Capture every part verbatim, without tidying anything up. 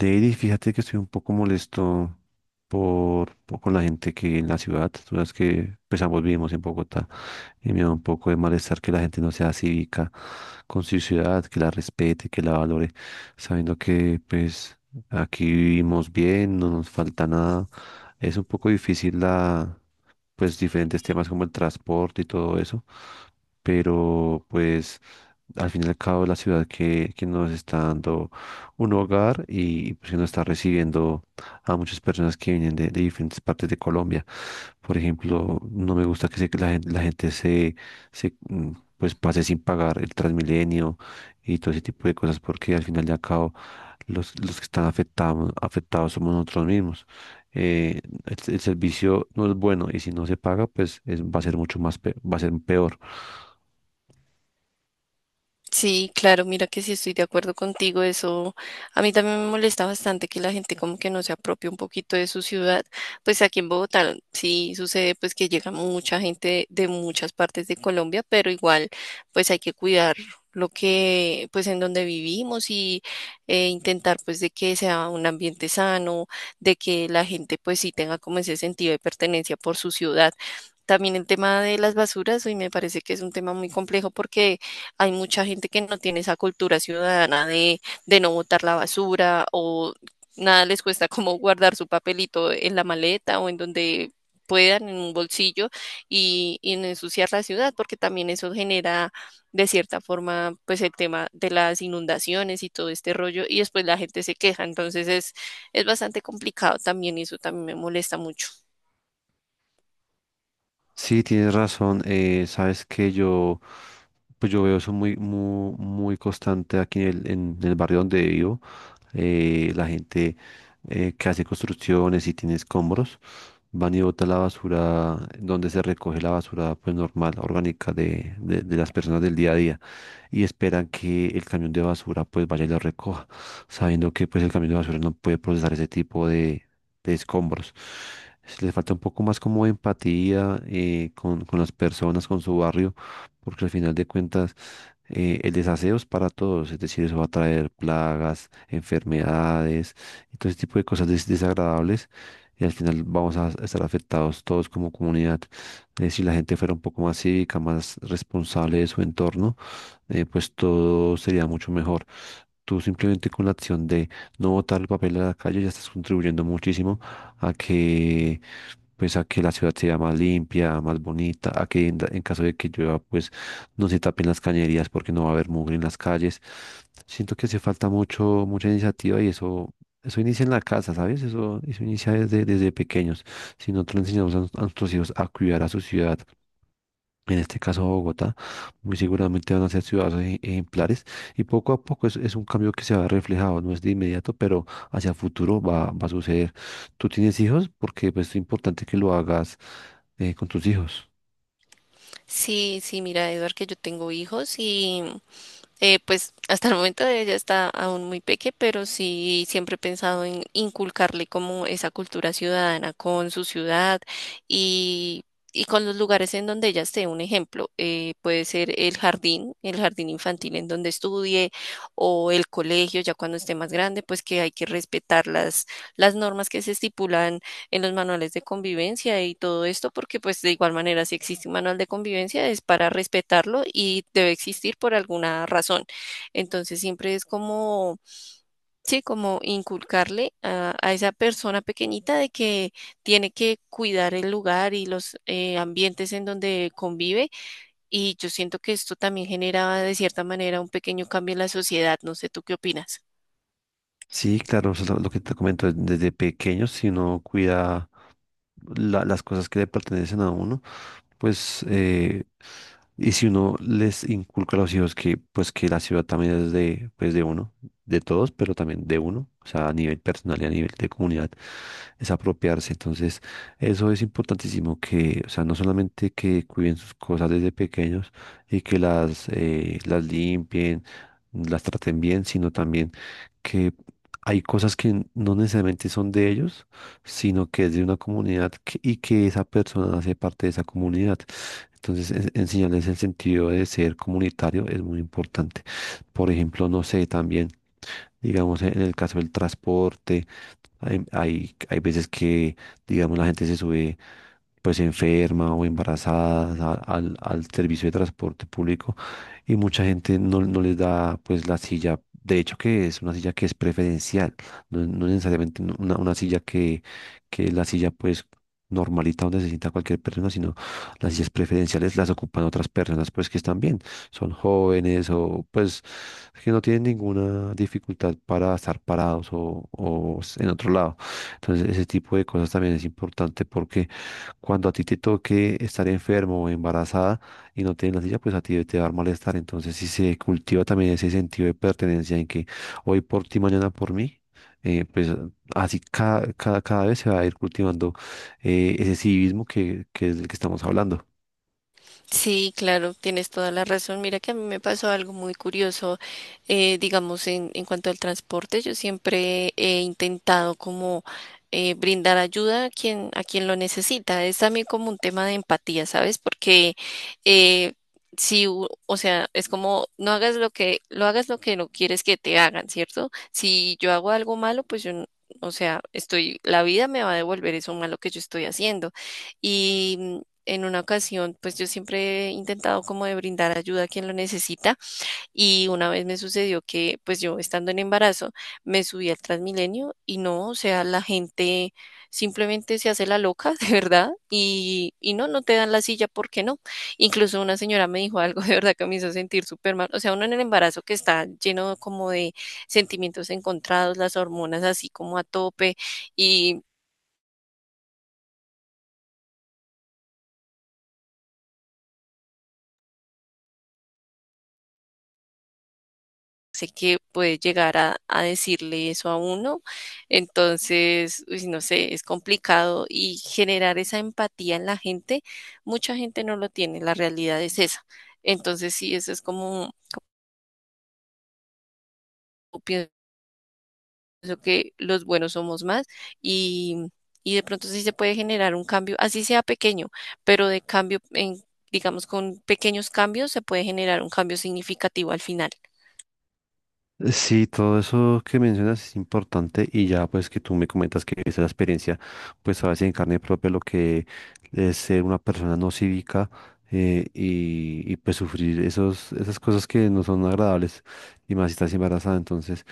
Lady, fíjate que estoy un poco molesto por, por- con la gente que en la ciudad, tú sabes que pues ambos vivimos en Bogotá y me da un poco de malestar que la gente no sea cívica con su ciudad, que la respete, que la valore, sabiendo que pues aquí vivimos bien, no nos falta nada. Es un poco difícil pues diferentes temas como el transporte y todo eso, pero pues al fin y al cabo es la ciudad que, que nos está dando un hogar y pues, que nos está recibiendo a muchas personas que vienen de, de diferentes partes de Colombia. Por ejemplo, no me gusta que se- la, gen- la gente se, se, mm, pues pase sin pagar el Transmilenio y todo ese tipo de cosas porque al final y al cabo los, los que están afectados, afectados somos nosotros mismos. Eh, el, el servicio no es bueno y si no se paga, pues es- va a ser mucho más, pe- va a ser peor. Sí, claro, mira que sí estoy de acuerdo contigo. Eso a mí también me molesta bastante que la gente como que no se apropie un poquito de su ciudad. Pues aquí en Bogotá sí sucede pues que llega mucha gente de, muchas partes de Colombia, pero igual pues hay que cuidar lo que pues en donde vivimos y eh, intentar pues de que sea un ambiente sano, de que la gente pues sí tenga como ese sentido de pertenencia por su ciudad. También el tema de las basuras, hoy me parece que es un tema muy complejo porque hay mucha gente que no tiene esa cultura ciudadana de, de no botar la basura o nada les cuesta como guardar su papelito en la maleta o en donde puedan, en un bolsillo y, y no ensuciar la ciudad, porque también eso genera de cierta forma pues el tema de las inundaciones y todo este rollo y después la gente se queja, entonces es, es bastante complicado también y eso también me molesta mucho. Sí, tienes razón. Eh, sabes que yo, pues yo veo eso muy, muy, muy constante aquí en el, en el barrio donde vivo. Eh, la gente eh, que hace construcciones y tiene escombros, van y bota la basura donde se recoge la basura, pues normal, orgánica de, de de las personas del día a día. Y esperan que el camión de basura pues vaya y lo recoja, sabiendo que pues el camión de basura no puede procesar ese tipo de, de escombros. Es- Les falta un poco más como de empatía, eh, con, con las personas, con su barrio, porque al final de cuentas, eh, el desaseo es para todos, es decir, eso va a traer plagas, enfermedades y todo ese tipo de cosas des- desagradables y al final vamos a estar afectados todos como comunidad. Eh, si la gente fuera un poco más cívica, más responsable de su entorno, eh, pues todo sería mucho mejor. Tú simplemente con la acción de no botar el papel a la calle ya estás contribuyendo muchísimo a que, pues a que la ciudad sea más limpia, más bonita, a que en, da- en caso de que llueva, pues no se tapen las cañerías porque no va a haber mugre en las calles. Siento que hace falta mucho, mucha iniciativa y eso, eso inicia en la casa, ¿sabes? Eso, eso inicia desde, desde pequeños. Si nosotros le enseñamos a, nos- a nuestros hijos a cuidar a su ciudad, en este caso Bogotá, muy seguramente van a ser ciudadanos ej- ejemplares y poco a poco es, es un cambio que se va reflejado, no es de inmediato, pero hacia futuro va, va a suceder. ¿Tú tienes hijos? Porque pues, es importante que lo hagas, eh, con tus hijos. Sí, sí, mira, Eduard, que yo tengo hijos y eh, pues hasta el momento ella está aún muy peque, pero sí siempre he pensado en inculcarle como esa cultura ciudadana con su ciudad y, y con los lugares en donde ella esté. Un ejemplo, eh, puede ser el jardín, el jardín infantil en donde estudie o el colegio ya cuando esté más grande, pues que hay que respetar las, las normas que se estipulan en los manuales de convivencia y todo esto, porque pues de igual manera si existe un manual de convivencia es para respetarlo y debe existir por alguna razón. Entonces siempre es como, sí, como inculcarle a, a esa persona pequeñita de que tiene que cuidar el lugar y los eh, ambientes en donde convive. Y yo siento que esto también genera de cierta manera un pequeño cambio en la sociedad. No sé, ¿tú qué opinas? Sí, claro, eso es lo lo que te comento, desde pequeños, si uno cuida la- las cosas que le pertenecen a uno, pues, eh, y si uno les inculca a los hijos que, pues, que la ciudad también es de, pues, de uno, de todos, pero también de uno, o sea, a nivel personal y a nivel de comunidad, es apropiarse. Entonces, eso es importantísimo que, o sea, no solamente que cuiden sus cosas desde pequeños y que las, eh, las limpien, las traten bien, sino también que hay cosas que no necesariamente son de ellos, sino que es de una comunidad que- y que esa persona hace parte de esa comunidad. Entonces, en- enseñarles el sentido de ser comunitario es muy importante. Por ejemplo, no sé, también, digamos, en el caso del transporte, hay, hay, hay veces que, digamos, la gente se sube pues enferma o embarazada a- al, al servicio de transporte público y mucha gente no, no les da pues la silla. De hecho que es una silla que es preferencial, no, no necesariamente una, una silla que la silla pues normalita donde se sienta cualquier persona, sino las sillas preferenciales las ocupan otras personas pues que están bien, son jóvenes o pues que no tienen ninguna dificultad para estar parados o, o en otro lado. Entonces ese tipo de cosas también es importante porque cuando a ti te toque estar enfermo o embarazada y no tienes la silla, pues a ti te va a dar malestar. Entonces si se cultiva también ese sentido de pertenencia en que hoy por ti, mañana por mí, eh, pues Así cada, cada, cada vez se va a ir cultivando, eh, ese civismo que, que es del que estamos hablando. Sí, claro, tienes toda la razón. Mira que a mí me pasó algo muy curioso, eh, digamos, en, en cuanto al transporte. Yo siempre he intentado como eh, brindar ayuda a quien, a quien lo necesita. Es también como un tema de empatía, ¿sabes? Porque eh, si, u- o sea, es como no hagas lo que, lo hagas lo que no quieres que te hagan, ¿cierto? Si yo hago algo malo, pues yo, n- o sea, estoy, la vida me va a devolver eso malo que yo estoy haciendo en una ocasión, pues yo siempre he intentado como de brindar ayuda a quien lo necesita y una vez me sucedió que pues yo estando en embarazo me subí al Transmilenio y no, o sea, la gente simplemente se hace la loca, de verdad, y, y no, no te dan la silla, ¿por qué no? Incluso una señora me dijo algo de verdad que me hizo sentir súper mal, o sea, uno en el embarazo que está lleno como de sentimientos encontrados, las hormonas así como a tope y sé que puede llegar a, a decirle eso a uno. Entonces, uy, no sé, es complicado y generar esa empatía en la gente, mucha gente no lo tiene, la realidad es esa. Entonces, sí, eso es como, yo pienso que los buenos somos más y, y de pronto sí se puede generar un cambio, así sea pequeño, pero de cambio en... Digamos, con pequeños cambios se puede generar un cambio significativo al final. Sí, todo eso que mencionas es importante y ya pues que tú me comentas que esa experiencia pues sabes en carne propia lo que es ser una persona no cívica, eh, y, y pues sufrir esos, esas cosas que no son agradables y más si estás embarazada. Entonces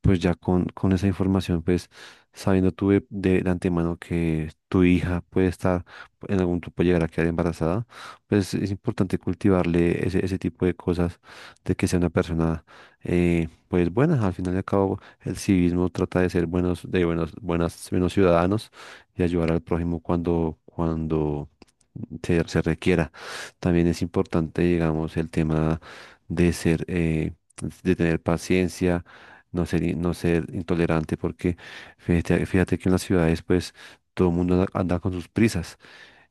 pues ya con, con esa información pues sabiendo tú de, de- de antemano que tu hija puede estar en algún tiempo llegar a quedar embarazada, pues es importante cultivarle ese, ese tipo de cosas de que sea una persona... eh, pues buenas. Al final y al cabo, el civismo trata de ser buenos, de buenos, buenas, buenos ciudadanos y ayudar al prójimo cuando, cuando se, se requiera. También es importante, digamos, el tema de ser, eh, de tener paciencia, no ser, i- no ser intolerante, porque fíjate, fíjate que en las ciudades, pues, todo el mundo anda anda con sus prisas.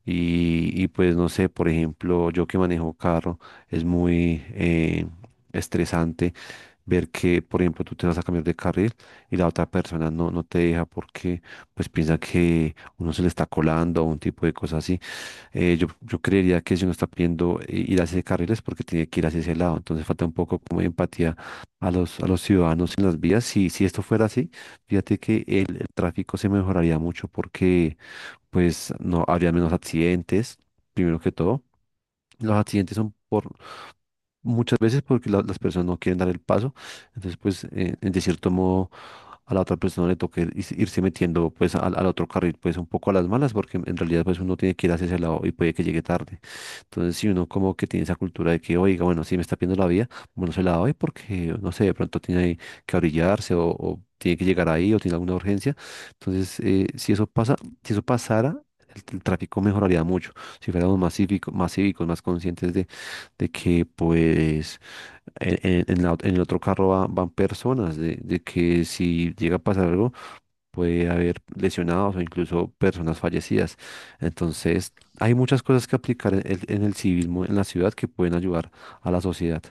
Y, y, pues no sé, por ejemplo, yo que manejo carro, es muy eh, estresante ver que, por ejemplo, tú te vas a cambiar de carril y la otra persona no, no te deja porque pues piensa que uno se le está colando o un tipo de cosas así. Eh, yo, yo creería que si uno está pidiendo, eh, ir hacia ese carril es porque tiene que ir hacia ese lado. Entonces falta un poco como de empatía a los, a los ciudadanos en las vías. Si, si esto fuera así, fíjate que el, el tráfico se mejoraría mucho porque pues no habría menos accidentes, primero que todo. Los accidentes son por muchas veces porque la- las personas no quieren dar el paso. Entonces, pues, eh, en- de cierto modo, a la otra persona le toca ir- is- irse metiendo, pues, al, al otro carril, pues, un poco a las malas, porque en realidad, pues, uno tiene que ir hacia ese lado y puede que llegue tarde. Entonces, si uno como que tiene esa cultura de que, oiga, bueno, si me está pidiendo la vía, bueno, se la doy porque, no sé, de pronto tiene que orillarse o, o tiene que llegar ahí o tiene alguna urgencia. Entonces, eh, si eso pasa, si eso pasara, el, el tráfico mejoraría mucho. Si fuéramos más cívicos, más cívicos, más conscientes de que pues en, en- en la ot- en el otro carro va- van personas, de, de que si llega a pasar algo puede haber lesionados o incluso personas fallecidas. Entonces, hay muchas cosas que aplicar en, el en el civismo en la ciudad que pueden ayudar a la sociedad.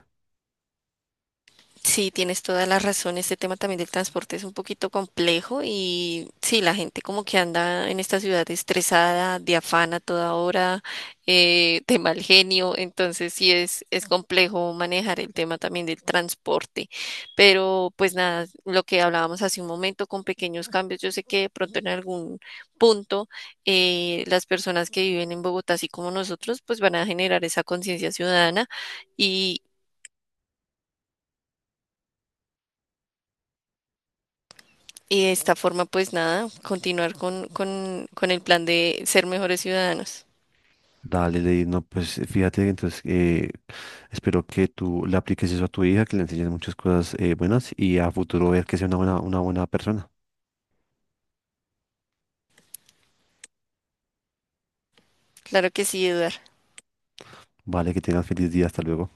Sí, tienes toda la razón. Este tema también del transporte es un poquito complejo y sí, la gente como que anda en esta ciudad estresada, de afán a toda hora, eh, de mal genio. Entonces sí es, es complejo manejar el tema también del transporte. Pero pues nada, lo que hablábamos hace un momento con pequeños cambios, yo sé que de pronto en algún punto eh, las personas que viven en Bogotá, así como nosotros, pues van a generar esa conciencia ciudadana. Y de esta forma, pues nada, continuar con, con, con el plan de ser mejores ciudadanos. Dale, Lady, no, pues fíjate, entonces, eh, espero que tú le apliques eso a tu hija, que le enseñes muchas cosas, eh, buenas y a futuro ver que sea una buena, una buena persona. Claro que sí, Eduard. Vale, que tengas feliz día, hasta luego.